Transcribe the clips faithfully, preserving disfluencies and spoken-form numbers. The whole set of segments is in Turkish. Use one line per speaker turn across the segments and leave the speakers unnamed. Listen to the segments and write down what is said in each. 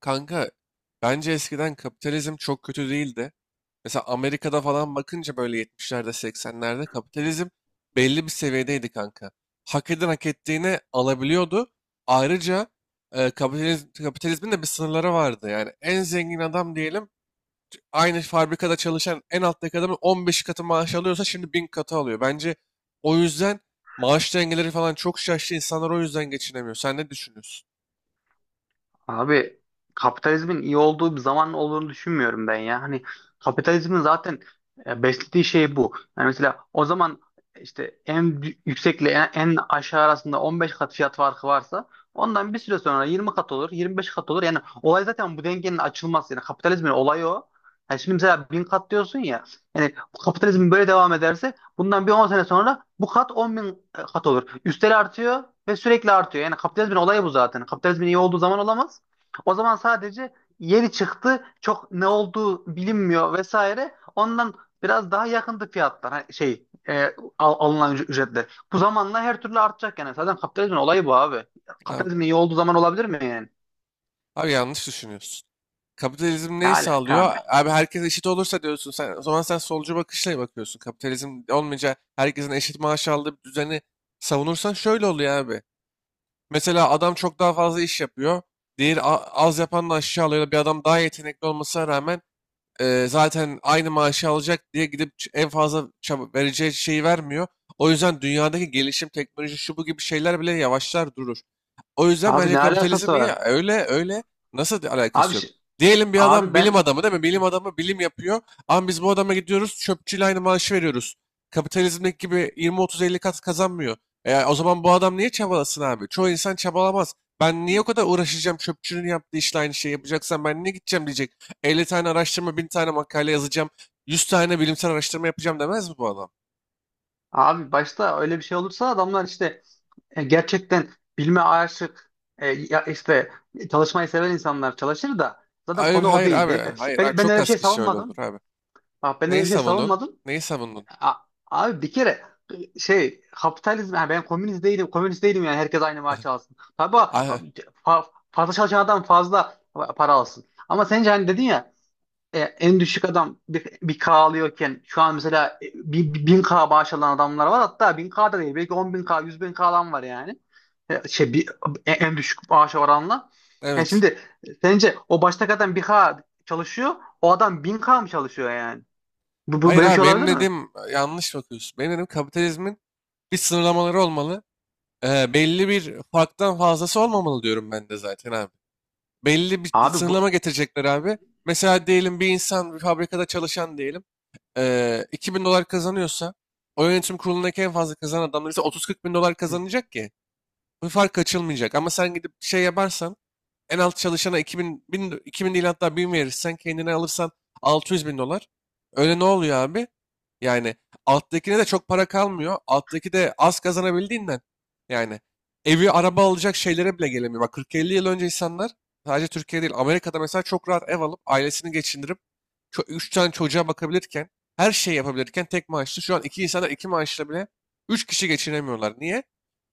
Kanka, bence eskiden kapitalizm çok kötü değildi. Mesela Amerika'da falan bakınca böyle yetmişlerde seksenlerde kapitalizm belli bir seviyedeydi kanka. Hak eden hak ettiğini alabiliyordu. Ayrıca e, kapitaliz- kapitalizmin de bir sınırları vardı. Yani en zengin adam diyelim, t- aynı fabrikada çalışan en alttaki adamın on beş katı maaş alıyorsa şimdi bin katı alıyor. Bence o yüzden maaş dengeleri falan çok şaştı. İnsanlar o yüzden geçinemiyor. Sen ne düşünüyorsun?
Abi, kapitalizmin iyi olduğu bir zaman olduğunu düşünmüyorum ben ya. Hani kapitalizmin zaten e, beslediği şey bu. Yani mesela o zaman işte en dü- yüksekle en, en aşağı arasında on beş kat fiyat farkı varsa ondan bir süre sonra yirmi kat olur, yirmi beş kat olur. Yani olay zaten bu dengenin açılması. Yani kapitalizmin olayı o. Yani şimdi mesela bin kat diyorsun ya. Yani bu kapitalizm böyle devam ederse bundan bir on sene sonra bu kat on bin e, kat olur. Üstel artıyor ve sürekli artıyor. Yani kapitalizmin olayı bu zaten. Kapitalizmin iyi olduğu zaman olamaz. O zaman sadece yeni çıktı, çok ne olduğu bilinmiyor vesaire. Ondan biraz daha yakındı fiyatlar hani şey e, al- alınan üc- ücretler. Bu zamanla her türlü artacak yani. Zaten kapitalizmin olayı bu abi.
Abi,
Kapitalizmin iyi olduğu zaman olabilir mi yani?
abi yanlış düşünüyorsun. Kapitalizm
Ne
neyi
alaka
sağlıyor?
abi?
Abi herkes eşit olursa diyorsun sen. O zaman sen solcu bakışla bakıyorsun. Kapitalizm olmayınca herkesin eşit maaş aldığı bir düzeni savunursan şöyle oluyor abi. Mesela adam çok daha fazla iş yapıyor. Diğeri a- Az yapan da aşağı alıyor. Bir adam daha yetenekli olmasına rağmen Eee, zaten aynı maaşı alacak diye gidip ç- en fazla çaba- vereceği şeyi vermiyor. O yüzden dünyadaki gelişim, teknoloji, şu bu gibi şeyler bile yavaşlar durur. O yüzden
Abi
bence
ne alakası
kapitalizm ya
var?
öyle öyle nasıl di-
Abi
alakası yok?
şi-
Diyelim bir adam
abi
bilim
ben
adamı, değil mi? Bilim adamı bilim yapıyor. Ama biz bu adama gidiyoruz, çöpçüyle aynı maaşı veriyoruz. Kapitalizmdeki gibi yirmi otuz-elli kat kazanmıyor. E, o zaman bu adam niye çabalasın abi? Çoğu insan çabalamaz. Ben niye o kadar uğraşacağım, çöpçünün yaptığı işle aynı şeyi yapacaksan ben niye gideceğim diyecek. elli tane araştırma, bin tane makale yazacağım, yüz tane bilimsel araştırma yapacağım demez mi bu adam?
abi başta öyle bir şey olursa adamlar işte e, gerçekten bilme aşık e, ya işte çalışmayı seven insanlar çalışır da zaten
Abi,
konu o
hayır
değil.
abi,
Ben,
hayır abi,
ben, ben
çok
öyle bir
az
şey
kişi öyle olur
savunmadım.
abi.
Bak ben öyle
Neyi
bir şey
savundun?
savunmadım.
Neyi savundun?
A- Abi bir kere şey kapitalizm yani ben komünist değilim, komünist değilim yani herkes aynı maaşı alsın. Tabii
Ah,
abi, fa- fazla çalışan adam fazla para alsın. Ama sence hani dedin ya e, en düşük adam bir, bir K alıyorken şu an mesela e, bir, bir bin K maaş alan adamlar var hatta bin K da değil belki on bin K yüz bin K alan var yani. E, şey bir, e, en düşük maaş oranla. Yani
evet.
şimdi sence o baştaki adam bir K çalışıyor, o adam bin K mı çalışıyor yani? Bu, bu
Hayır
böyle bir
abi,
şey
benim
olabilir mi?
dediğim yanlış bakıyorsun. Benim dediğim, kapitalizmin bir sınırlamaları olmalı. Ee, belli bir farktan fazlası olmamalı diyorum ben de zaten abi. Belli bir
Abi bu
sınırlama getirecekler abi. Mesela diyelim bir insan bir fabrikada çalışan diyelim. eee iki bin dolar kazanıyorsa, o yönetim kurulundaki en fazla kazanan adamlar ise otuz kırk bin dolar kazanacak ki bu fark açılmayacak. Ama sen gidip şey yaparsan, en alt çalışana iki bin, bin, iki bin değil hatta bin verirsen, kendine alırsan altı yüz bin dolar. Öyle ne oluyor abi? Yani alttakine de çok para kalmıyor. Alttaki de az kazanabildiğinden. Yani evi, araba alacak şeylere bile gelemiyor. Bak kırk elli yıl önce insanlar sadece Türkiye değil Amerika'da mesela çok rahat ev alıp ailesini geçindirip, ço- üç tane çocuğa bakabilirken, her şeyi yapabilirken tek maaşlı, şu an iki insanlar iki maaşla bile üç kişi geçinemiyorlar. Niye?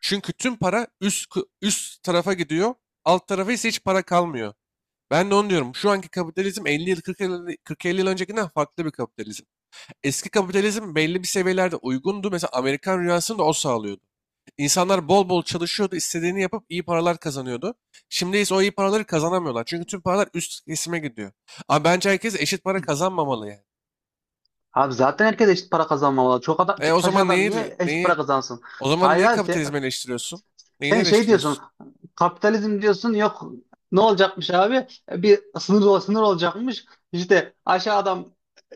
Çünkü tüm para üst üst tarafa gidiyor. Alt tarafa ise hiç para kalmıyor. Ben de onu diyorum. Şu anki kapitalizm elli yıl kırk yıl kırk elli yıl öncekinden farklı bir kapitalizm. Eski kapitalizm belli bir seviyelerde uygundu. Mesela Amerikan rüyasını da o sağlıyordu. İnsanlar bol bol çalışıyordu, istediğini yapıp iyi paralar kazanıyordu. Şimdi ise o iyi paraları kazanamıyorlar. Çünkü tüm paralar üst kesime gidiyor. Ama bence herkes eşit para kazanmamalı yani.
Abi zaten herkes eşit para kazanmamalı. Çok adam
E
ç-
o
çalışan
zaman
adam
neyi
niye eşit
neyi
para kazansın?
o zaman
Hayır
neyi
abi sen,
kapitalizmi eleştiriyorsun? Neyini
sen şey diyorsun.
eleştiriyorsun?
Kapitalizm diyorsun. Yok ne olacakmış abi? E, Bir sınır ol- sınır olacakmış. İşte aşağı adam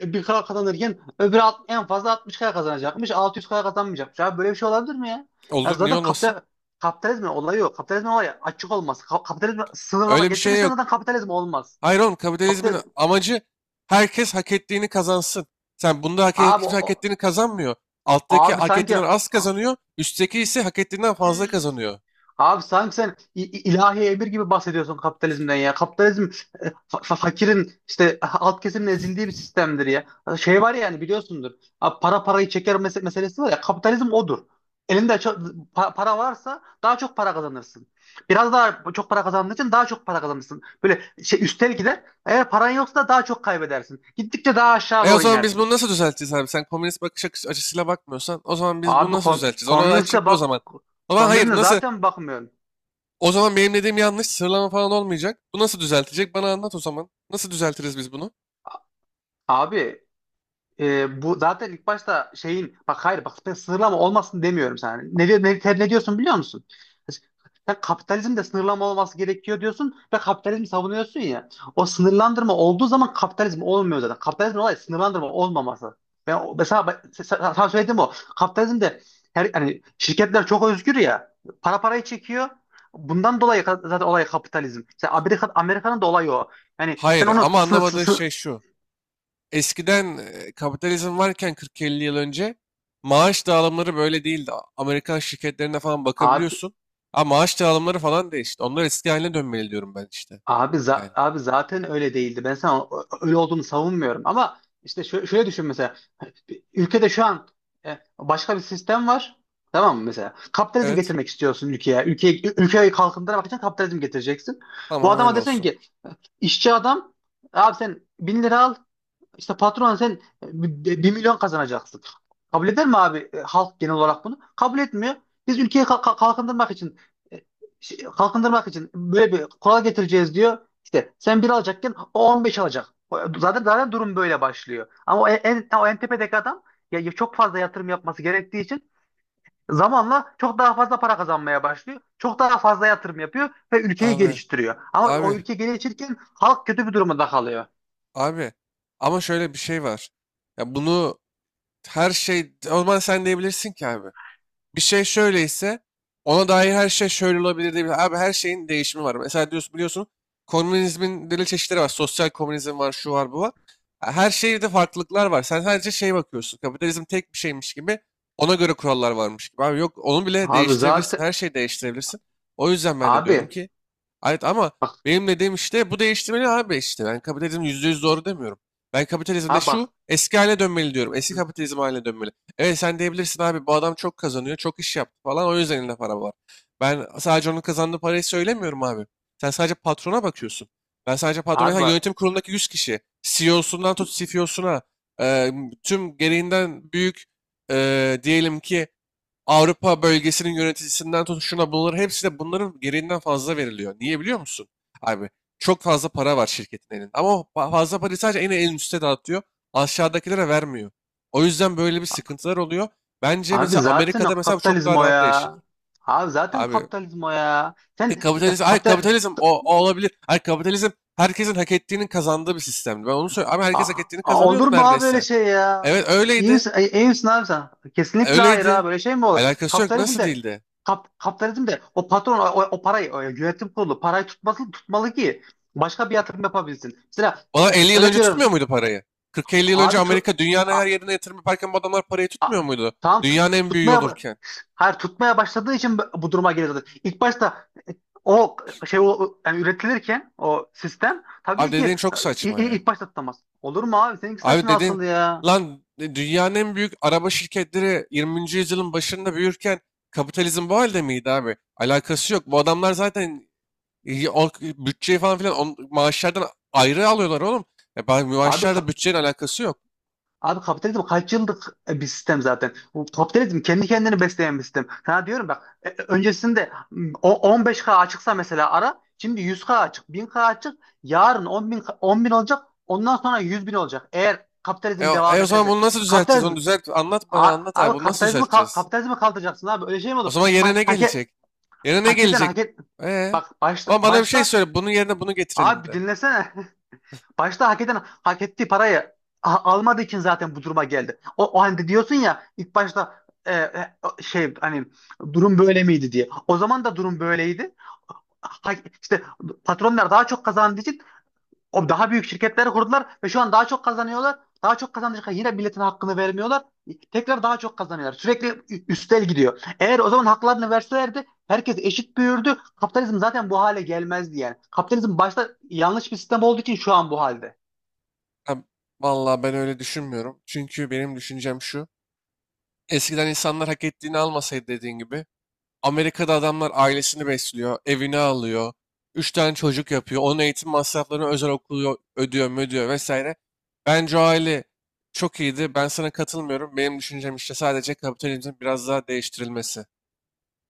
e, bir kadar kazanırken öbürü alt- en fazla altmış kadar kazanacakmış. altı yüz kadar kazanmayacakmış. Abi böyle bir şey olabilir mi ya? Ya
Olur, niye
zaten
olmasın?
kapital kapitalizmin olayı yok. Kapitalizmin olayı açık olması. Ka- kapitalizme sınırlama
Öyle bir şey
getirirsen
yok.
zaten kapitalizm olmaz.
Hayır oğlum, kapitalizmin
Kapital
amacı herkes hak ettiğini kazansın. Sen bunda hak,
Abi
kimse hak
o,
ettiğini kazanmıyor. Alttaki
Abi
hak
sanki
ettiğinden az kazanıyor. Üstteki ise hak ettiğinden fazla
Hmm.
kazanıyor.
Abi sanki sen i- i- ilahi emir gibi bahsediyorsun kapitalizmden ya. Kapitalizm e, fa- fa- fakirin işte alt kesimin ezildiği bir sistemdir ya. Şey var yani biliyorsundur. Abi para parayı çeker mese- meselesi var ya. Kapitalizm odur. Elinde çok, pa- para varsa daha çok para kazanırsın. Biraz daha çok para kazandığın için daha çok para kazanırsın. Böyle şey üstel gider. Eğer paran yoksa da daha çok kaybedersin. Gittikçe daha aşağı
E o
doğru
zaman biz bunu
inersin.
nasıl düzelteceğiz abi? Sen komünist bakış açı- açısıyla bakmıyorsan o zaman biz bunu
Abi
nasıl
kom
düzelteceğiz? Ona da
komüniste
açıkla o
bak
zaman. O zaman hayır,
komünizme
nasıl?
zaten bakmıyorum.
O zaman benim dediğim yanlış sıralama falan olmayacak. Bu nasıl düzeltecek? Bana anlat o zaman. Nasıl düzeltiriz biz bunu?
Abi e, bu zaten ilk başta şeyin bak hayır bak ben sınırlama olmasın demiyorum sana. Ne, diyor- ne, ter- ne diyorsun biliyor musun? Sen kapitalizmde sınırlama olması gerekiyor diyorsun ve kapitalizmi savunuyorsun ya. O sınırlandırma olduğu zaman kapitalizm olmuyor zaten. Kapitalizmin olayı sınırlandırma olmaması. Ben o- mesela ben- se- se- Sana söylediğim o. Kapitalizmde her hani şirketler çok özgür ya. Para parayı çekiyor. Bundan dolayı ka- zaten olay kapitalizm. Sen Amerika Amerika'nın da olayı o. Yani sen
Hayır,
onu
ama
sınır,
anlamadığı
sınır.
şey şu. Eskiden e, kapitalizm varken kırk elli yıl önce maaş dağılımları böyle değildi. A- Amerikan şirketlerine falan bakabiliyorsun. Ama maaş dağılımları falan değişti. Onlar eski haline dönmeli diyorum ben işte.
Abi,
Yani
za- abi zaten öyle değildi. Ben sana o- öyle olduğunu savunmuyorum. Ama işte şö- şöyle düşün mesela. Bir ülkede şu an e, başka bir sistem var. Tamam mı mesela? Kapitalizm
evet,
getirmek istiyorsun ülkeye. Ülkeyi, ülkeyi kalkındırmak için kapitalizm getireceksin. Bu
tamam,
adama
öyle
desen
olsun.
ki işçi adam abi sen bin lira al, işte patron sen e, bir milyon kazanacaksın. Kabul eder mi abi e, halk genel olarak bunu? Kabul etmiyor. Biz ülkeyi kalk- kalk- kalkındırmak için e, şey, kalkındırmak için böyle bir kural getireceğiz diyor. İşte sen bir alacakken o on beş alacak. O- Zaten zaten durum böyle başlıyor. Ama o en, o en tepedeki adam ya, ya çok fazla yatırım yapması gerektiği için zamanla çok daha fazla para kazanmaya başlıyor. Çok daha fazla yatırım yapıyor ve ülkeyi
Abi
geliştiriyor. Ama
abi
o ülke gelişirken halk kötü bir durumda kalıyor.
abi ama şöyle bir şey var. Ya bunu, her şey, o zaman sen diyebilirsin ki abi, bir şey şöyleyse ona dair her şey şöyle olabilir diye. Abi her şeyin değişimi var. Mesela diyorsun, biliyorsun, komünizmin deli çeşitleri var. Sosyal komünizm var, şu var, bu var. Ha, her şeyde farklılıklar var. Sen sadece şeye bakıyorsun, kapitalizm tek bir şeymiş gibi. Ona göre kurallar varmış gibi. Abi yok, onu bile
Abi
değiştirebilirsin.
zaten
Her şeyi değiştirebilirsin. O yüzden ben de
abi
diyorum ki, evet, ama
Bak,
benim dediğim işte bu, değiştirmeli abi işte. Ben kapitalizm yüzde yüz doğru demiyorum. Ben kapitalizmde
ha bak.
şu eski haline dönmeli diyorum. Eski kapitalizm haline dönmeli. Evet, sen diyebilirsin abi, bu adam çok kazanıyor, çok iş yaptı falan, o yüzden elinde para var. Ben sadece onun kazandığı parayı söylemiyorum abi. Sen sadece patrona bakıyorsun. Ben sadece patrona,
Abi
ha,
bak.
yönetim kurulundaki yüz kişi, C E O'sundan tut C F O'suna, e, tüm gereğinden büyük, e, diyelim ki Avrupa bölgesinin yöneticisinden tut şuna, bunların hepsi de bunların gereğinden fazla veriliyor. Niye biliyor musun? Abi çok fazla para var şirketin elinde ama o fa- fazla parayı sadece en en üste dağıtıyor. Aşağıdakilere vermiyor. O yüzden böyle bir sıkıntılar oluyor. Bence
Abi
mesela
zaten
Amerika'da mesela bu çok
kapitalizm
daha
o
rahat değişir.
ya. Abi zaten
Abi
kapitalizm o ya.
e,
Sen e,
kapitalizm, ay
kapital
kapitalizm o, o olabilir. Ay kapitalizm herkesin hak ettiğinin kazandığı bir sistemdi. Ben onu söylüyorum. Abi herkes hak
A-
ettiğini
a-
kazanıyordu
Olur mu abi böyle
neredeyse.
şey ya?
Evet,
İyi
öyleydi.
misin, iyi iyi misin abi sen? Kesinlikle hayır
Öyleydi.
abi. Böyle şey mi olur?
Alakası yok.
Kapitalizm
Nasıl
de
değildi?
kap, kapitalizm de o patron o, o parayı o yönetim kurulu parayı tutması tutmalı ki başka bir yatırım yapabilsin. Mesela
Valla
e,
elli yıl
örnek
önce
veriyorum
tutmuyor muydu parayı? kırk elli yıl önce
abi tu-
Amerika dünyanın her yerine yatırım yaparken bu adamlar parayı
A-
tutmuyor muydu?
Tamam
Dünyanın
tut-
en büyüğü
tutmaya ba-
olurken.
hayır tutmaya başladığı için bu bu duruma geliyor zaten. İlk başta o şey o, yani üretilirken o sistem
Abi
tabii ki
dediğin çok
i-
saçma
i-
ya.
ilk başta tutamaz. Olur mu abi? Seninki
Abi
saçma
dediğin
asıl ya.
lan, e, dünyanın en büyük araba şirketleri yirminci yüzyılın başında büyürken kapitalizm bu halde miydi abi? Alakası yok. Bu adamlar zaten e, o bütçeyi falan filan on, maaşlardan ayrı alıyorlar oğlum. E, ben-
Abi
maaşlarla
ka-
bütçenin alakası yok.
Abi kapitalizm kaç yıllık e, bir sistem zaten. Bu kapitalizm kendi kendini besleyen bir sistem. Sana diyorum bak e- e, öncesinde m, o- on beş K açıksa mesela ara şimdi yüz K açık, bin K açık, yarın on bin, on bin olacak, ondan sonra yüz bin olacak. Eğer
E,
kapitalizm
o- e
devam
o zaman
ederse.
bunu nasıl düzelteceğiz?
Kapitalizm
Onu düzelt, anlat bana,
a-
anlat abi.
abi
Bunu nasıl
kapitalizmi ka-
düzelteceğiz?
Kapitalizmi kaldıracaksın abi öyle şey mi
O
olur?
zaman yerine
Ha,
ne
hak, e-
gelecek? Yerine ne
hak eden
gelecek?
hak et.
Ee?
Bak başta,
Ama bana bir şey
başta
söyle. Bunun yerine bunu getirelim
abi bir
de.
dinlesene. Başta hak eden hak ettiği parayı a- almadığı için zaten bu duruma geldi. O, o hani diyorsun ya ilk başta e, e, şey hani durum böyle miydi diye. O zaman da durum böyleydi. Ha, işte patronlar daha çok kazandığı için o daha büyük şirketleri kurdular ve şu an daha çok kazanıyorlar. Daha çok kazandıkça yine milletin hakkını vermiyorlar. Tekrar daha çok kazanıyorlar. Sürekli ü- üstel gidiyor. Eğer o zaman haklarını verselerdi herkes eşit büyürdü. Kapitalizm zaten bu hale gelmezdi yani. Kapitalizm başta yanlış bir sistem olduğu için şu an bu halde.
Ha, vallahi ben öyle düşünmüyorum. Çünkü benim düşüncem şu. Eskiden insanlar hak ettiğini almasaydı dediğin gibi. Amerika'da adamlar ailesini besliyor, evini alıyor, üç tane çocuk yapıyor, onun eğitim masraflarını, özel okulu ödüyor, ödüyor vesaire. Bence o aile çok iyiydi. Ben sana katılmıyorum. Benim düşüncem işte sadece kapitalizmin biraz daha değiştirilmesi.